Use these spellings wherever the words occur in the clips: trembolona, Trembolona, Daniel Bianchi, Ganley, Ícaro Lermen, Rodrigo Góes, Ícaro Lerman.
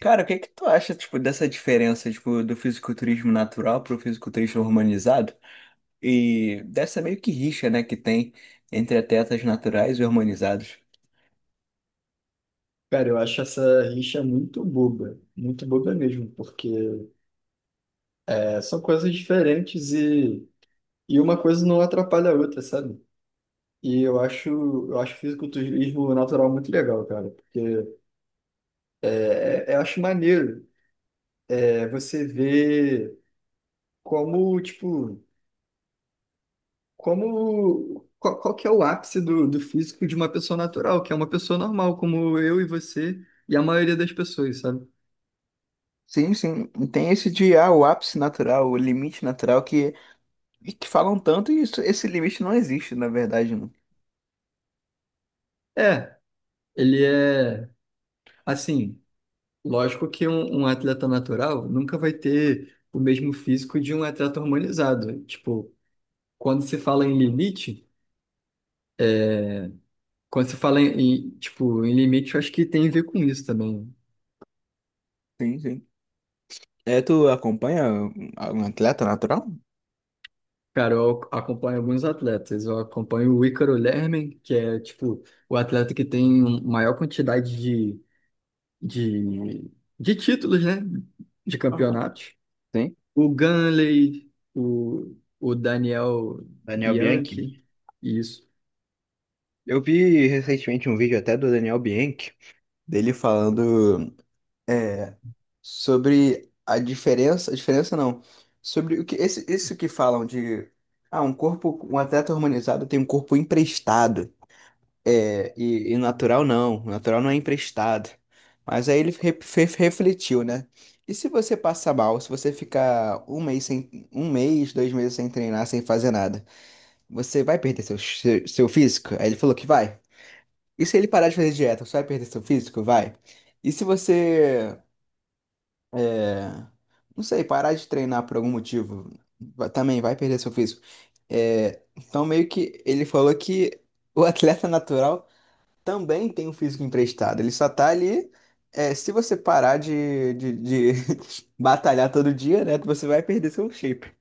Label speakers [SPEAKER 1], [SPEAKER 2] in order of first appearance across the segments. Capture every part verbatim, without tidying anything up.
[SPEAKER 1] Cara, o que é que tu acha, tipo, dessa diferença, tipo, do fisiculturismo natural pro fisiculturismo hormonizado? E dessa meio que rixa, né, que tem entre atletas naturais e hormonizados.
[SPEAKER 2] Cara, eu acho essa rixa muito boba, muito boba mesmo, porque é, são coisas diferentes e, e uma coisa não atrapalha a outra, sabe? E eu acho, eu acho fisiculturismo natural muito legal, cara, porque é, é- é, eu acho maneiro é, você ver como, tipo, como, qual, qual que é o ápice do, do físico de uma pessoa natural, que é uma pessoa normal, como eu e você e a maioria das pessoas, sabe?
[SPEAKER 1] Sim, sim. E tem esse de ah, o ápice natural, o limite natural que, e que falam tanto e isso, esse limite não existe, na verdade, não.
[SPEAKER 2] É, ele é, assim. Lógico que um, um atleta natural nunca vai ter o mesmo físico de um atleta hormonizado. Tipo, quando se fala em limite, quando se fala em, em, tipo, em limite, eu acho que tem a ver com isso também.
[SPEAKER 1] Sim, sim. É, tu acompanha um um atleta natural?
[SPEAKER 2] Cara, eu acompanho alguns atletas. Eu acompanho o Ícaro Lermen, que é, tipo, o atleta que tem um, maior quantidade de, de, de títulos, né? De
[SPEAKER 1] Aham.
[SPEAKER 2] campeonatos.
[SPEAKER 1] Sim,
[SPEAKER 2] O Ganley, o, o Daniel
[SPEAKER 1] Daniel Bianchi.
[SPEAKER 2] Bianchi, isso.
[SPEAKER 1] Eu vi recentemente um vídeo até do Daniel Bianchi, dele falando é, sobre a diferença, a diferença não, sobre o que esse, isso que falam de ah, um corpo, um atleta hormonizado tem um corpo emprestado. É, e, e natural não, natural não é emprestado. Mas aí ele re- fe- refletiu, né? E se você passar mal, se você ficar um mês sem, um mês, dois meses sem treinar, sem fazer nada, você vai perder seu, seu, seu físico? Aí ele falou que vai. E se ele parar de fazer dieta, você vai perder seu físico? Vai. E se você, é, não sei, parar de treinar por algum motivo, va- também vai perder seu físico. É, então meio que ele falou que o atleta natural também tem um físico emprestado. Ele só tá ali. É, se você parar de, de, de batalhar todo dia, né? Você vai perder seu shape.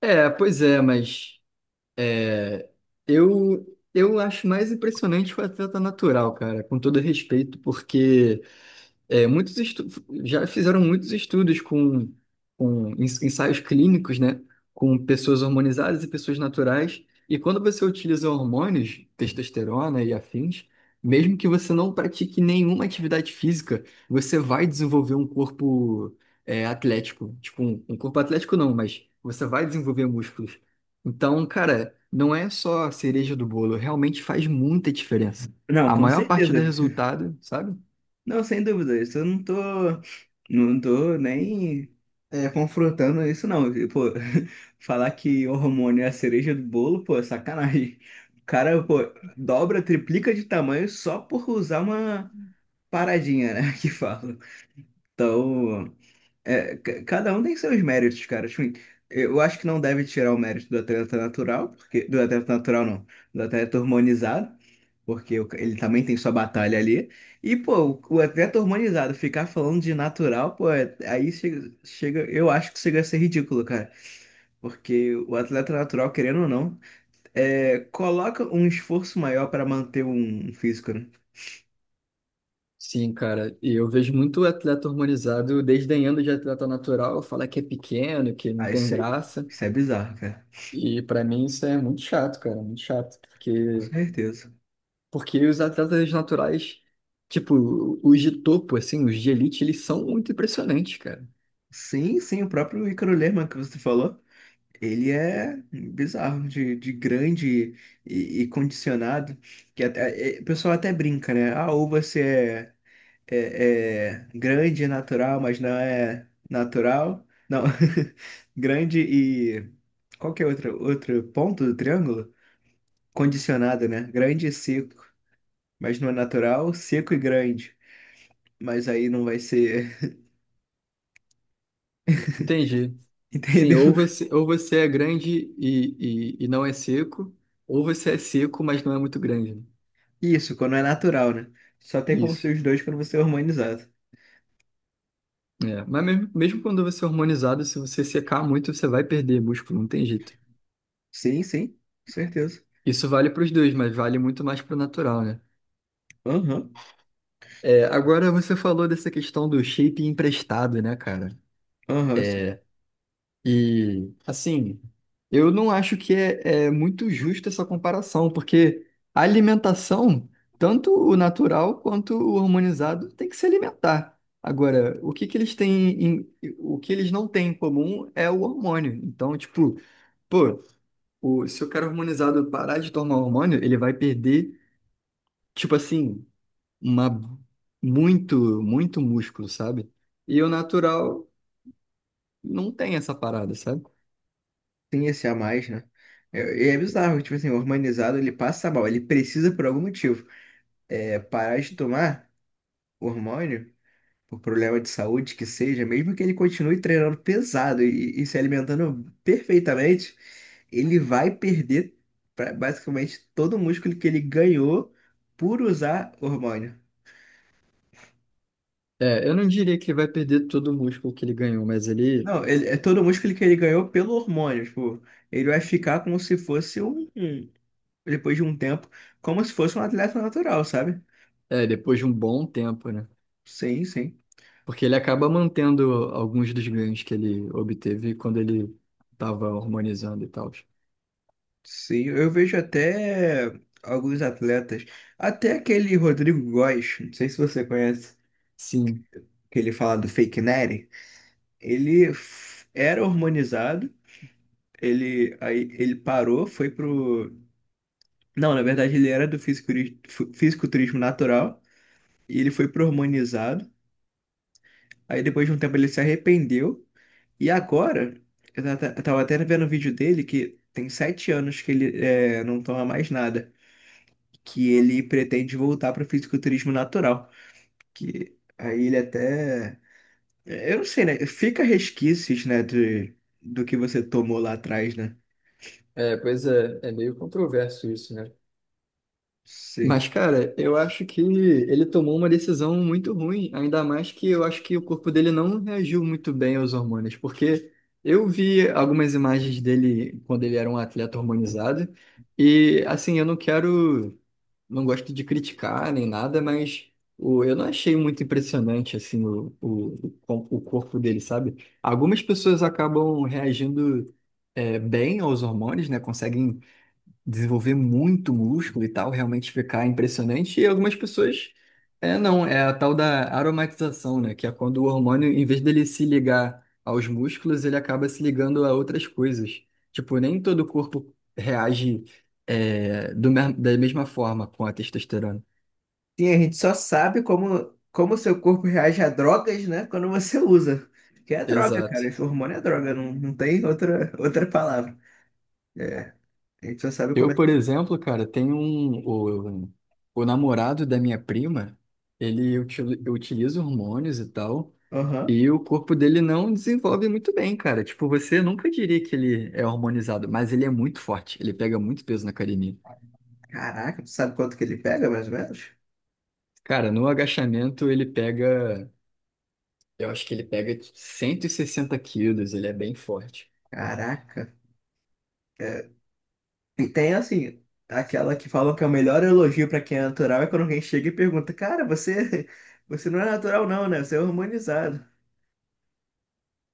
[SPEAKER 2] É, pois é, mas é, eu eu acho mais impressionante o atleta natural, cara, com todo respeito, porque é, muitos estu- já fizeram muitos estudos com, com ens- ensaios clínicos, né? Com pessoas hormonizadas e pessoas naturais. E quando você utiliza hormônios, testosterona e afins, mesmo que você não pratique nenhuma atividade física, você vai desenvolver um corpo, é, atlético. Tipo, um, um corpo atlético não, mas você vai desenvolver músculos. Então, cara, não é só a cereja do bolo, realmente faz muita diferença.
[SPEAKER 1] Não,
[SPEAKER 2] A
[SPEAKER 1] com
[SPEAKER 2] maior parte
[SPEAKER 1] certeza.
[SPEAKER 2] do resultado, sabe?
[SPEAKER 1] Não, sem dúvida. Isso eu não tô, não tô nem é, confrontando isso, não. E, pô, falar que o hormônio é a cereja do bolo, pô, é sacanagem. O cara, pô, dobra, triplica de tamanho só por usar uma paradinha, né? Que fala. Então. É, ca- cada um tem seus méritos, cara. Tipo, eu acho que não deve tirar o mérito do atleta natural, porque do atleta natural não, do atleta hormonizado, porque o ca- ele também tem sua batalha ali. E pô, o, o atleta hormonizado ficar falando de natural, pô, é- aí chega, chega, eu acho que chega a ser ridículo, cara, porque o atleta natural, querendo ou não, é, coloca um esforço maior para manter um um físico, né?
[SPEAKER 2] Sim, cara, e eu vejo muito atleta hormonizado desdenhando de atleta natural, fala que é pequeno, que não
[SPEAKER 1] Aí
[SPEAKER 2] tem
[SPEAKER 1] isso,
[SPEAKER 2] graça,
[SPEAKER 1] isso é bizarro, cara.
[SPEAKER 2] e pra mim isso é muito chato, cara, muito chato,
[SPEAKER 1] Com
[SPEAKER 2] porque,
[SPEAKER 1] certeza.
[SPEAKER 2] porque os atletas naturais, tipo, os de topo, assim, os de elite, eles são muito impressionantes, cara,
[SPEAKER 1] Sim, sim, o próprio Ícaro Lerman que você falou. Ele é bizarro, de, de grande e, e condicionado, que até, é- o pessoal até brinca, né? Ah, ou você é, é, é grande e natural, mas não é natural. Não, grande e... Qual que é outro, outro ponto do triângulo? Condicionado, né? Grande e seco, mas não é natural, seco e grande. Mas aí não vai ser...
[SPEAKER 2] entendi. Sim, ou
[SPEAKER 1] Entendeu?
[SPEAKER 2] você, ou você é grande e, e, e não é seco, ou você é seco, mas não é muito grande, né?
[SPEAKER 1] Isso, quando é natural, né? Só tem como
[SPEAKER 2] Isso.
[SPEAKER 1] ser os dois quando você é harmonizado.
[SPEAKER 2] É, mas mesmo, mesmo quando você é hormonizado, se você secar muito, você vai perder músculo, não tem jeito.
[SPEAKER 1] Sim, sim, com certeza.
[SPEAKER 2] Isso vale para os dois, mas vale muito mais para o natural, né?
[SPEAKER 1] Aham,
[SPEAKER 2] É, agora você falou dessa questão do shape emprestado, né, cara?
[SPEAKER 1] aham, sim,
[SPEAKER 2] É, e, assim, eu não acho que é, é muito justa essa comparação, porque a alimentação, tanto o natural quanto o hormonizado, tem que se alimentar. Agora, o que que eles têm em- o que eles não têm em comum é o hormônio. Então, tipo, pô, o, se o cara hormonizado parar de tomar hormônio, ele vai perder, tipo assim. uma muito, muito músculo, sabe? E o natural não tem essa parada, sabe?
[SPEAKER 1] tem esse a mais, né? É- E é bizarro, tipo assim, o hormonizado ele passa mal, ele precisa por algum motivo é, parar de tomar o hormônio, por problema de saúde que seja, mesmo que ele continue treinando pesado e, e se alimentando perfeitamente, ele vai perder pra- basicamente todo o músculo que ele ganhou por usar hormônio.
[SPEAKER 2] É, eu não diria que ele vai perder todo o músculo que ele ganhou, mas ele,
[SPEAKER 1] Não, ele, é todo o músculo que ele ganhou pelo hormônio, tipo, ele vai ficar como se fosse um. Depois de um tempo, como se fosse um atleta natural, sabe?
[SPEAKER 2] é, depois de um bom tempo, né?
[SPEAKER 1] Sim, sim.
[SPEAKER 2] Porque ele acaba mantendo alguns dos ganhos que ele obteve quando ele estava hormonizando e tal.
[SPEAKER 1] Sim, eu vejo até alguns atletas, até aquele Rodrigo Góes, não sei se você conhece,
[SPEAKER 2] Sim.
[SPEAKER 1] que ele fala do fake Nery, ele f- era hormonizado, ele aí ele parou, foi pro Não, na verdade ele era do fisiculturismo, fisiculturismo natural e ele foi pro hormonizado. Aí depois de um tempo ele se arrependeu. E agora, eu ta- eu tava até vendo um vídeo dele que tem sete anos que ele é, não toma mais nada, que ele pretende voltar para o fisiculturismo natural, que aí ele até, é, eu não sei, né? Fica resquícios, né, de, do que você tomou lá atrás, né?
[SPEAKER 2] É, pois é, é meio controverso isso, né?
[SPEAKER 1] Sim.
[SPEAKER 2] Mas, cara, eu acho que ele tomou uma decisão muito ruim, ainda mais que eu acho que o corpo dele não reagiu muito bem aos hormônios, porque eu vi algumas imagens dele quando ele era um atleta hormonizado, e assim, eu não quero, não gosto de criticar nem nada, mas o, eu não achei muito impressionante assim o, o, o com- o corpo dele, sabe? Algumas pessoas acabam reagindo é, bem aos hormônios, né? Conseguem desenvolver muito músculo e tal, realmente ficar impressionante. E algumas pessoas, é, não, é a tal da aromatização, né? Que é quando o hormônio, em vez dele se ligar aos músculos, ele acaba se ligando a outras coisas. Tipo, nem todo o corpo reage, é, do, me- da mesma forma com a testosterona.
[SPEAKER 1] Sim, a gente só sabe como como o seu corpo reage a drogas, né, quando você usa. Que é droga, cara.
[SPEAKER 2] Exato.
[SPEAKER 1] Esse hormônio é droga, não, não tem outra outra palavra. É, a gente só sabe como
[SPEAKER 2] Eu,
[SPEAKER 1] é
[SPEAKER 2] por
[SPEAKER 1] que.
[SPEAKER 2] exemplo, cara, tenho um, o, o namorado da minha prima, ele util- utiliza hormônios e tal.
[SPEAKER 1] Aham.
[SPEAKER 2] E o corpo dele não desenvolve muito bem, cara. Tipo, você nunca diria que ele é hormonizado, mas ele é muito forte. Ele pega muito peso na academia.
[SPEAKER 1] Caraca, tu sabe quanto que ele pega, mais ou menos?
[SPEAKER 2] Cara, no agachamento ele pega. Eu acho que ele pega cento e sessenta quilos, ele é bem forte.
[SPEAKER 1] Caraca. É, e tem, assim, aquela que falam que é o melhor elogio pra quem é natural é quando alguém chega e pergunta, cara, você, você não é natural não, né? Você é hormonizado.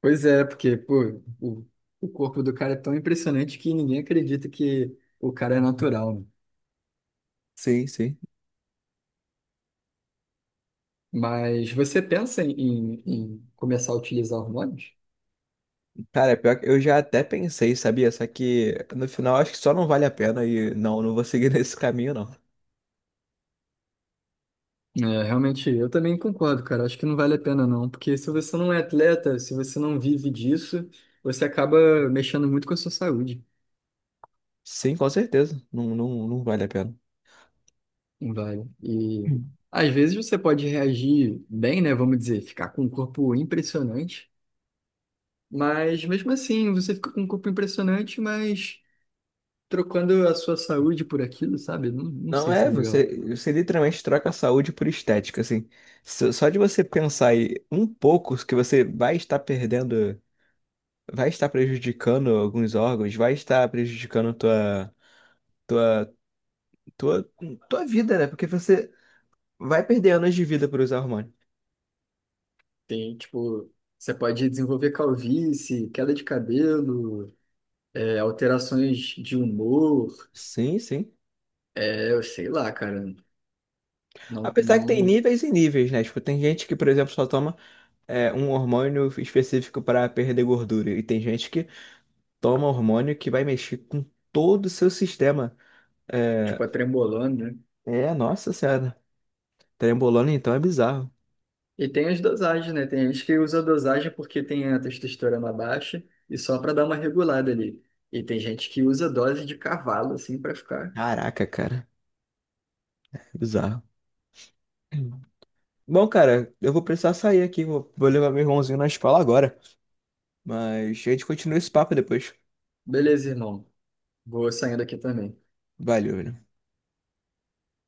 [SPEAKER 2] Pois é, porque, pô, o, o corpo do cara é tão impressionante que ninguém acredita que o cara é natural, né?
[SPEAKER 1] Sim, sim.
[SPEAKER 2] Mas você pensa em, em em começar a utilizar hormônios?
[SPEAKER 1] Cara, pior que eu já até pensei, sabia? Só que no final acho que só não vale a pena e não, não vou seguir nesse caminho, não.
[SPEAKER 2] É, realmente, eu também concordo, cara. Acho que não vale a pena, não. Porque se você não é atleta, se você não vive disso, você acaba mexendo muito com a sua saúde.
[SPEAKER 1] Sim, com certeza. Não, não, não vale a pena.
[SPEAKER 2] Não vale. E às vezes você pode reagir bem, né? Vamos dizer, ficar com um corpo impressionante. Mas mesmo assim, você fica com um corpo impressionante, mas trocando a sua saúde por aquilo, sabe? Não, não
[SPEAKER 1] Não
[SPEAKER 2] sei se
[SPEAKER 1] é,
[SPEAKER 2] é legal.
[SPEAKER 1] você, você literalmente troca a saúde por estética, assim. Só só de você pensar em um pouco que você vai estar perdendo, vai estar prejudicando alguns órgãos, vai estar prejudicando tua, tua, tua, tua vida, né? Porque você vai perder anos de vida por usar hormônio.
[SPEAKER 2] Tem, tipo, você pode desenvolver calvície, queda de cabelo, é, alterações de humor.
[SPEAKER 1] Sim, sim.
[SPEAKER 2] é Eu sei lá, cara. Não,
[SPEAKER 1] Apesar que tem
[SPEAKER 2] não,
[SPEAKER 1] níveis e níveis, né? Tipo, tem gente que, por exemplo, só toma é, um hormônio específico para perder gordura, e tem gente que toma hormônio que vai mexer com todo o seu sistema é,
[SPEAKER 2] tipo, é trembolona, né?
[SPEAKER 1] É, nossa senhora. Trembolona então é bizarro.
[SPEAKER 2] E tem as dosagens, né? Tem gente que usa a dosagem porque tem a testosterona baixa e só pra dar uma regulada ali. E tem gente que usa dose de cavalo, assim, pra ficar.
[SPEAKER 1] Caraca, cara. É bizarro. Bom, cara, eu vou precisar sair aqui. Vou, vou levar meu irmãozinho na escola agora. Mas a gente continua esse papo depois.
[SPEAKER 2] Beleza, irmão. Vou saindo aqui também.
[SPEAKER 1] Valeu, né?